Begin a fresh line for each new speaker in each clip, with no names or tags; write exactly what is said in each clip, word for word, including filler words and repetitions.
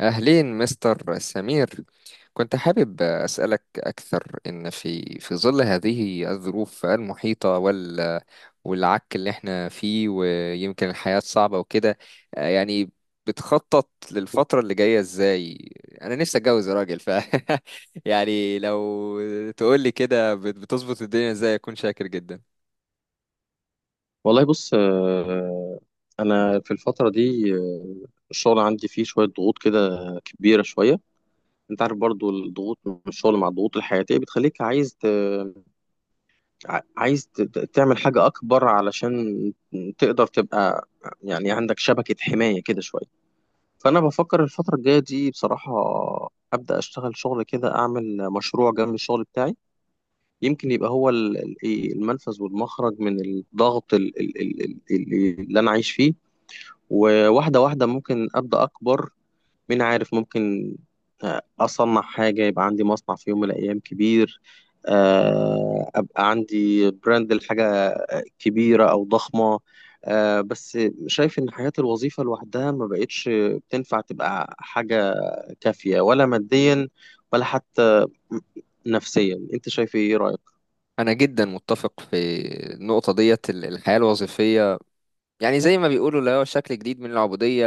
أهلين مستر سمير. كنت حابب أسألك أكثر إن في في ظل هذه الظروف المحيطة وال والعك اللي احنا فيه، ويمكن الحياة صعبة وكده. آه، يعني بتخطط للفترة اللي جاية إزاي؟ أنا نفسي أتجوز يا راجل، ف يعني لو تقولي كده بت- بتظبط الدنيا إزاي أكون شاكر جدا.
والله بص آه، انا في الفتره دي آه، الشغل عندي فيه شويه ضغوط كده كبيره شويه. انت عارف برضو الضغوط من الشغل مع الضغوط الحياتيه بتخليك عايز ت... ع- عايز ت... ت- تعمل حاجه اكبر علشان تقدر تبقى يعني عندك شبكه حمايه كده شويه. فانا بفكر الفتره الجايه دي بصراحه ابدا اشتغل شغل كده، اعمل مشروع جنب الشغل بتاعي، يمكن يبقى هو ال- ال- إيه، المنفذ والمخرج من الضغط ال- ال- ال- ال- اللي انا عايش فيه. وواحدة واحدة ممكن أبدأ أكبر، مين عارف، ممكن آه، أصنع حاجة يبقى عندي مصنع في يوم من الأيام كبير، آه، أبقى عندي براند لحاجة كبيرة أو ضخمة. آه، بس شايف إن حياة الوظيفة لوحدها ما بقتش بتنفع تبقى حاجة كافية، ولا ماديا ولا حتى نفسيا. أنت شايف إيه، إيه رأيك؟
أنا جدا متفق في النقطة ديت، الحياة الوظيفية يعني زي ما بيقولوا اللي هو شكل جديد من العبودية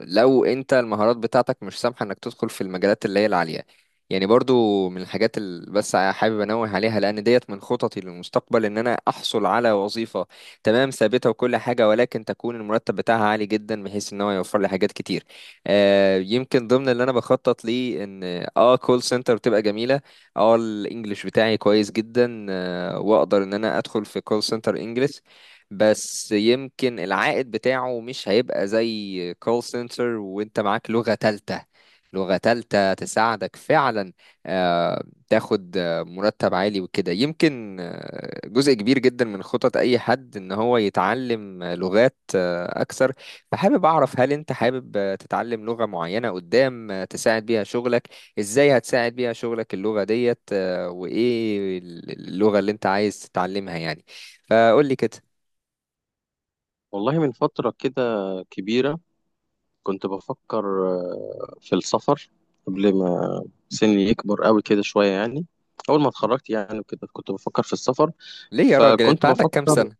لو انت المهارات بتاعتك مش سامحة انك تدخل في المجالات اللي هي العالية. يعني برضو من الحاجات اللي بس حابب انوه عليها، لان ديت من خططي للمستقبل ان انا احصل على وظيفة تمام ثابتة وكل حاجة، ولكن تكون المرتب بتاعها عالي جدا بحيث ان هو يوفر لي حاجات كتير. آه يمكن ضمن اللي انا بخطط ليه ان اه كول سنتر بتبقى جميلة. اه الانجليش بتاعي كويس جدا، آه، واقدر ان انا ادخل في كول سنتر انجليش، بس يمكن العائد بتاعه مش هيبقى زي كول سنتر وانت معاك لغة تالتة. لغة تالتة تساعدك فعلا، آه، تاخد آه، مرتب عالي وكده. يمكن آه، جزء كبير جدا من خطط أي حد إن هو يتعلم آه، لغات آه، أكثر. فحابب أعرف هل أنت حابب آه، تتعلم لغة معينة قدام آه، تساعد بيها شغلك؟ إزاي هتساعد بيها شغلك اللغة ديت، آه، وإيه اللغة اللي أنت عايز تتعلمها يعني؟ فقول لي كده.
والله من فترة كده كبيرة كنت بفكر آه، في السفر، قبل ما سني يكبر قوي كده شوية يعني. أول ما اتخرجت يعني كده كنت بفكر في السفر،
ليه يا راجل، انت
فكنت
عندك كام
بفكر،
سنة؟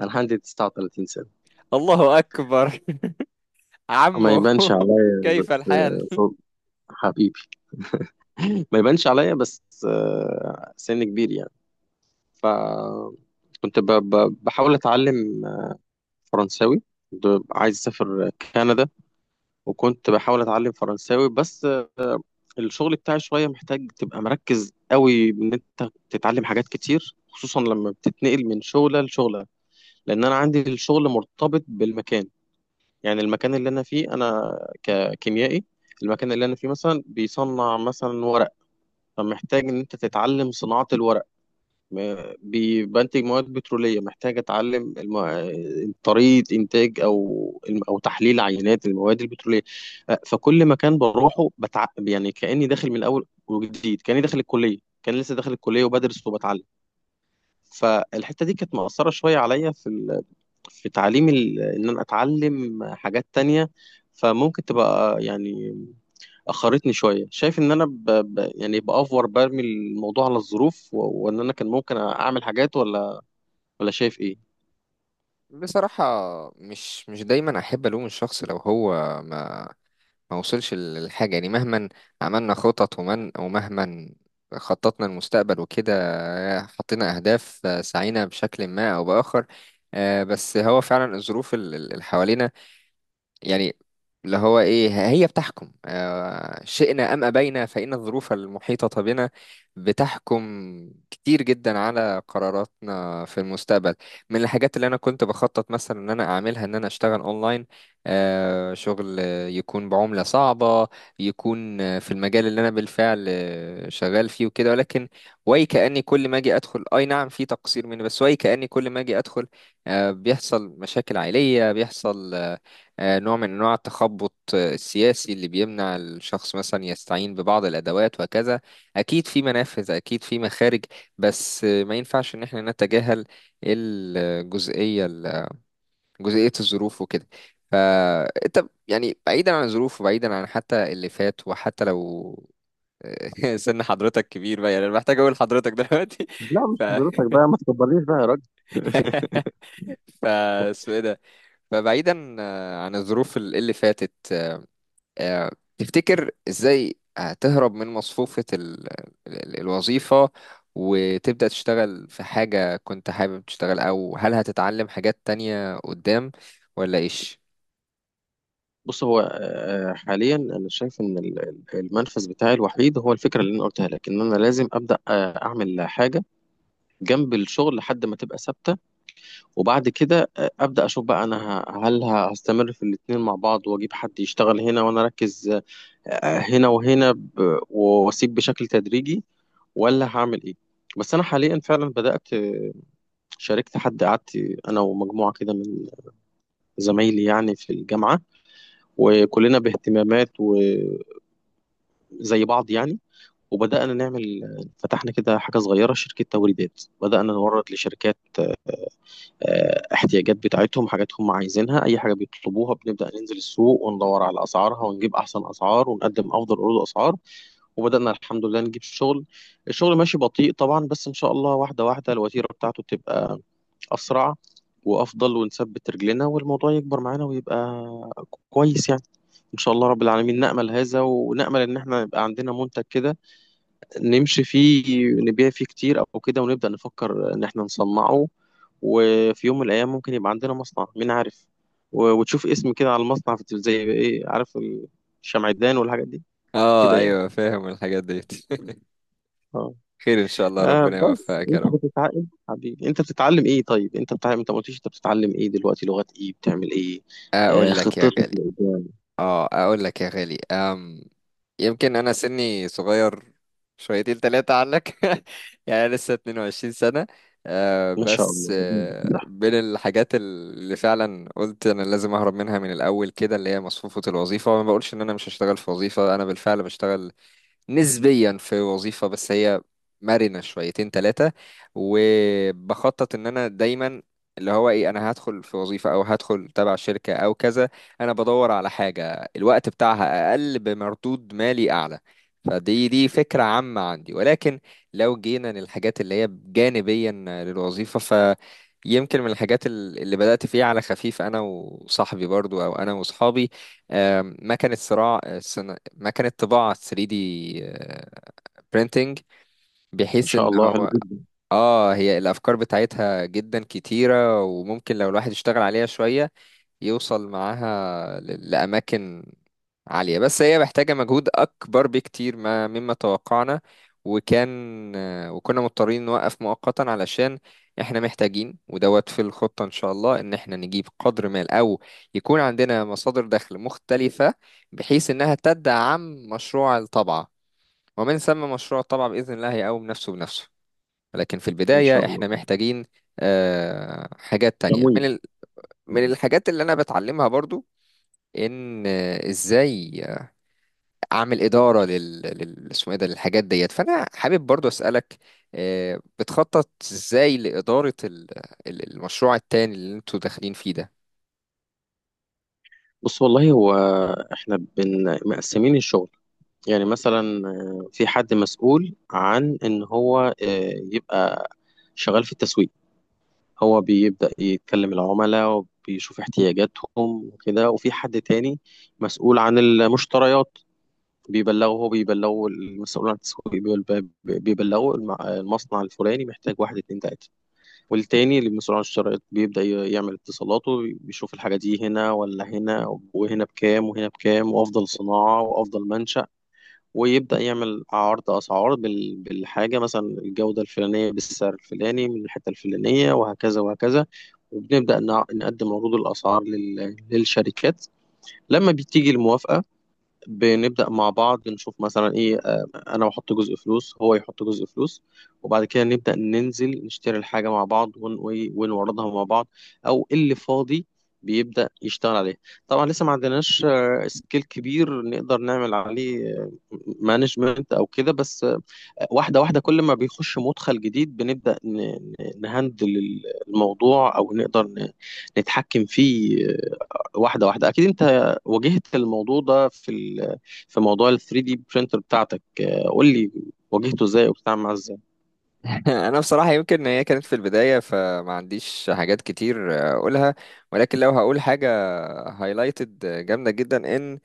أنا عندي تسعة وتلاتين سنة.
الله اكبر.
ما
عمو
يبانش عليا
كيف
بس
الحال؟
آه، صوت حبيبي. ما يبانش عليا بس آه، سن كبير يعني. فكنت بحاول أتعلم فرنساوي، كنت عايز أسافر كندا، وكنت بحاول اتعلم فرنساوي بس آه، الشغل بتاعي شويه محتاج تبقى مركز قوي ان انت تتعلم حاجات كتير، خصوصا لما بتتنقل من شغله لشغله. لان انا عندي الشغل مرتبط بالمكان، يعني المكان اللي انا فيه، انا ككيميائي، المكان اللي انا فيه مثلا بيصنع مثلا ورق، فمحتاج ان انت تتعلم صناعه الورق. م- بي- بنتج مواد بترولية، محتاج أتعلم الم- طريقة إنتاج أو أو تحليل عينات المواد البترولية. أه، فكل مكان بروحه بتع... يعني كأني داخل من أول وجديد، كأني داخل الكلية، كان لسه داخل الكلية وبدرس وبتعلم. فالحتة دي كانت مأثرة شوية عليا في ال... في تعليم ال... إن أنا أتعلم حاجات تانية. فممكن تبقى يعني أخرتني شوية، شايف إن أنا ب... ب... يعني بأفور برمي الموضوع على الظروف و... وإن أنا كان ممكن أعمل حاجات، ولا ولا شايف ايه.
بصراحة، مش مش دايما احب الوم الشخص لو هو ما ما وصلش للحاجة. يعني مهما عملنا خطط، ومن ومهما خططنا المستقبل وكده، حطينا اهداف، سعينا بشكل ما او باخر، آه، بس هو فعلا الظروف ال- ال- اللي حوالينا، يعني اللي هو ايه، هي بتحكم، آه، شئنا ام ابينا فان الظروف المحيطه بنا بتحكم كتير جدا على قراراتنا في المستقبل. من الحاجات اللي انا كنت بخطط مثلا ان انا اعملها ان انا اشتغل اونلاين، آه، شغل يكون بعمله صعبه، يكون في المجال اللي انا بالفعل شغال فيه وكده، ولكن وي كاني كل ما اجي ادخل، اي نعم في تقصير مني، بس وي كاني كل ما اجي ادخل آه بيحصل مشاكل عائليه، بيحصل آه، آه، نوع من انواع التخبط، آه، السياسي اللي بيمنع الشخص مثلا يستعين ببعض الادوات وهكذا. اكيد في منافذ، اكيد في مخارج، بس آه، ما ينفعش ان احنا نتجاهل الجزئيه ال- جزئيه الظروف وكده. فانت يعني بعيدا عن الظروف، وبعيدا عن حتى اللي فات، وحتى لو سن حضرتك كبير بقى، يعني انا محتاج اقول حضرتك دلوقتي.
لا
ف
مش حضرتك بقى، ما تكبرنيش بقى يا راجل.
ف اسمه ايه ده. فبعيدا آه، عن الظروف اللي فاتت، آه، تفتكر ازاي هتهرب من مصفوفة ال... ال- الوظيفة وتبدأ تشتغل في حاجة كنت حابب تشتغل، او هل هتتعلم حاجات تانية قدام، ولا ايش؟
بص، هو آه، حاليا انا شايف ان ال- ال- المنفذ بتاعي الوحيد هو الفكره اللي انا قلتها لك، ان انا لازم ابدا آه، اعمل حاجه جنب الشغل لحد ما تبقى ثابته. وبعد كده آه، ابدا اشوف بقى انا ه- هل ه- هستمر في الاتنين مع بعض واجيب حد يشتغل هنا وانا اركز آه، هنا، وهنا ب- واسيب بشكل تدريجي، ولا هعمل ايه. بس انا حاليا فعلا بدات آه، شاركت حد، قعدت انا ومجموعه كده من زمايلي يعني في الجامعة، وكلنا باهتمامات وزي بعض يعني، وبدأنا نعمل، فتحنا كده حاجة صغيرة، شركة توريدات، بدأنا نورد لشركات آه، احتياجات بتاعتهم، حاجات هم عايزينها، أي حاجة بيطلبوها بنبدأ ننزل السوق وندور على أسعارها ونجيب أحسن أسعار ونقدم أفضل عروض أسعار. وبدأنا الحمد لله نجيب شغل. الشغل ماشي بطيء طبعا، بس إن شاء الله واحدة واحدة الوتيرة بتاعته بتبقى اسرع وافضل، ونثبت رجلنا والموضوع يكبر معانا ويبقى كويس يعني. ان شاء الله رب العالمين نأمل هذا، ونأمل ان احنا يبقى عندنا منتج كده نمشي فيه، نبيع فيه كتير او كده، ونبدأ نفكر ان احنا نصنعه. وفي يوم من الايام ممكن يبقى عندنا مصنع، مين عارف، و- وتشوف اسم كده على المصنع في التلفزيون، زي ايه عارف، الشمعدان والحاجات دي،
اه
كده يعني.
ايوه، فاهم الحاجات ديت.
اه.
خير ان شاء الله،
آه
ربنا
بس
يوفقك يا
انت
رب.
بتتعلم حبيبي، انت بتتعلم ايه؟ طيب انت بتتعلم، انت ما قلتليش انت بتتعلم ايه دلوقتي، لغات ايه، بتعمل ايه، آه،
اقول لك يا
خطتك
غالي،
لقدام.
اه اقول لك يا غالي، يمكن انا سني صغير شويتين تلاتة عنك. يعني أنا لسه اتنين وعشرين سنة. آه،
ما شاء
بس
الله ربنا يديك
آه،
الصحة.
بين الحاجات اللي فعلا قلت انا لازم اهرب منها من الاول كده اللي هي مصفوفة الوظيفة، وما بقولش ان انا مش هشتغل في وظيفة، انا بالفعل بشتغل نسبيا في وظيفة، بس هي مرنة شويتين ثلاثة. وبخطط ان انا دايما اللي هو ايه، انا هدخل في وظيفة او هدخل تبع شركة او كذا، انا بدور على حاجة الوقت بتاعها اقل بمردود مالي اعلى. فدي دي فكرة عامة عندي، ولكن لو جينا للحاجات اللي هي جانبيا للوظيفة، ف يمكن من الحاجات ال- اللي بدأت فيها على خفيف أنا وصاحبي، برضو أو أنا وصحابي، آم، ما كانت صراع، مكنة طباعة ثري دي printing،
ما
بحيث
شاء
ان
الله حلو
هو
جدا.
اه، هي الافكار بتاعتها جدا كتيرة، وممكن لو الواحد اشتغل عليها شوية يوصل معاها ل- لاماكن عالية، بس هي محتاجة مجهود اكبر بكتير ما مما توقعنا. وكان آه، وكنا مضطرين نوقف مؤقتا علشان احنا محتاجين، ودوت في الخطة ان شاء الله ان احنا نجيب قدر مال، او يكون عندنا مصادر دخل مختلفة بحيث انها تدعم مشروع الطبعة، ومن ثم مشروع الطبعة بإذن الله هيقوم نفسه بنفسه. لكن في
ان شاء
البداية
الله.
إحنا محتاجين آه، حاجات تانية
تمويل.
من ال... من الحاجات اللي أنا بتعلمها برضو، إن آه، إزاي أعمل إدارة لل... لل... اسمه إيه ده، للحاجات ديت. فأنا حابب برضو أسألك، آه، بتخطط إزاي لإدارة ال... ال- المشروع التاني اللي أنتوا داخلين فيه ده؟
بص والله هو احنا بن مقسمين الشغل، يعني مثلا آه، في حد مسؤول عن ان هو آه، يبقى شغال في التسويق، هو بيبدأ يتكلم العملاء وبيشوف احتياجاتهم وكده، وفي حد تاني مسؤول عن المشتريات، بيبلغوا هو بيبلغوا المسؤول عن التسويق بيبل- بيبلغوا الم- المصنع الفلاني محتاج واحد اتنين تلاتة. والتاني اللي المسؤول عن الشرايط بيبدأ ي- يعمل اتصالاته، بيشوف الحاجة دي هنا ولا هنا، وهنا بكام وهنا بكام، وأفضل صناعة وأفضل منشأ، ويبدأ يعمل عرض أسعار بال- بالحاجة مثلا الجودة الفلانية بالسعر الفلاني من الحتة الفلانية وهكذا وهكذا. وبنبدأ نع- نقدم عروض الأسعار لل- للشركات. لما بتيجي الموافقة بنبدأ مع بعض نشوف مثلا ايه آه، انا بحط جزء فلوس، هو يحط جزء فلوس، وبعد كده نبدأ ننزل نشتري الحاجة مع بعض ون- وي- ونوردها مع بعض، او اللي فاضي بيبدأ يشتغل عليه. طبعا لسه ما عندناش آه، سكيل كبير نقدر نعمل عليه مانجمنت او كده، بس آه، واحدة واحدة كل ما بيخش مدخل جديد بنبدأ ن- ن- نهندل الموضوع، او نقدر ن- نتحكم فيه. واحده واحده. اكيد انت واجهت الموضوع ده في ال... في موضوع ال ثري دي برينتر بتاعتك، آه، قول لي، واجهته ازاي وبتتعامل معاه ازاي.
أنا بصراحة يمكن هي كانت في البداية فما عنديش حاجات كتير آه، أقولها، ولكن لو هقول حاجة هايلايتد جامدة جدا، ان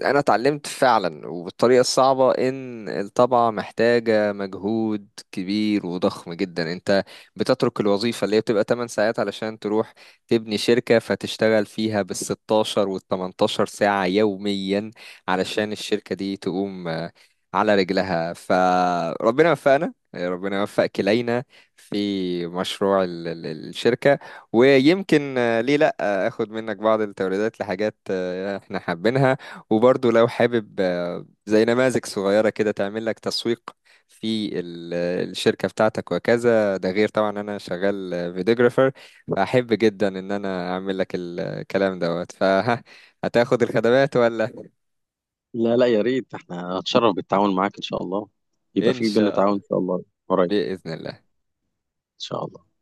انا اتعلمت فعلا وبالطريقة الصعبة ان الطبعة محتاجة مجهود كبير وضخم جدا. انت بتترك الوظيفة اللي هي بتبقى تمانية ساعات علشان تروح تبني شركة فتشتغل فيها بال ستاشر وال تمنتاشر ساعة يوميا علشان الشركة دي تقوم آه، على رجلها. فربنا وفقنا ربنا يوفق كلينا في مشروع ال- ال- الشركة. ويمكن آه، ليه اخد منك بعض التوريدات لحاجات آه، احنا حابينها. وبرضو لو حابب آه، زي نماذج صغيرة كده تعمل لك تسويق في ال- آه، الشركة بتاعتك وكذا، ده غير طبعا انا شغال آه، فيديوجرافر، فاحب جدا ان انا اعمل لك الكلام دوت، فهتاخد الخدمات ولا؟
لا لا، يا ريت، احنا هتشرف بالتعاون معاك ان شاء الله، يبقى
ان
في بينا
شاء
تعاون
الله،
ان شاء الله قريب.
بإذن الله.
ان شاء الله.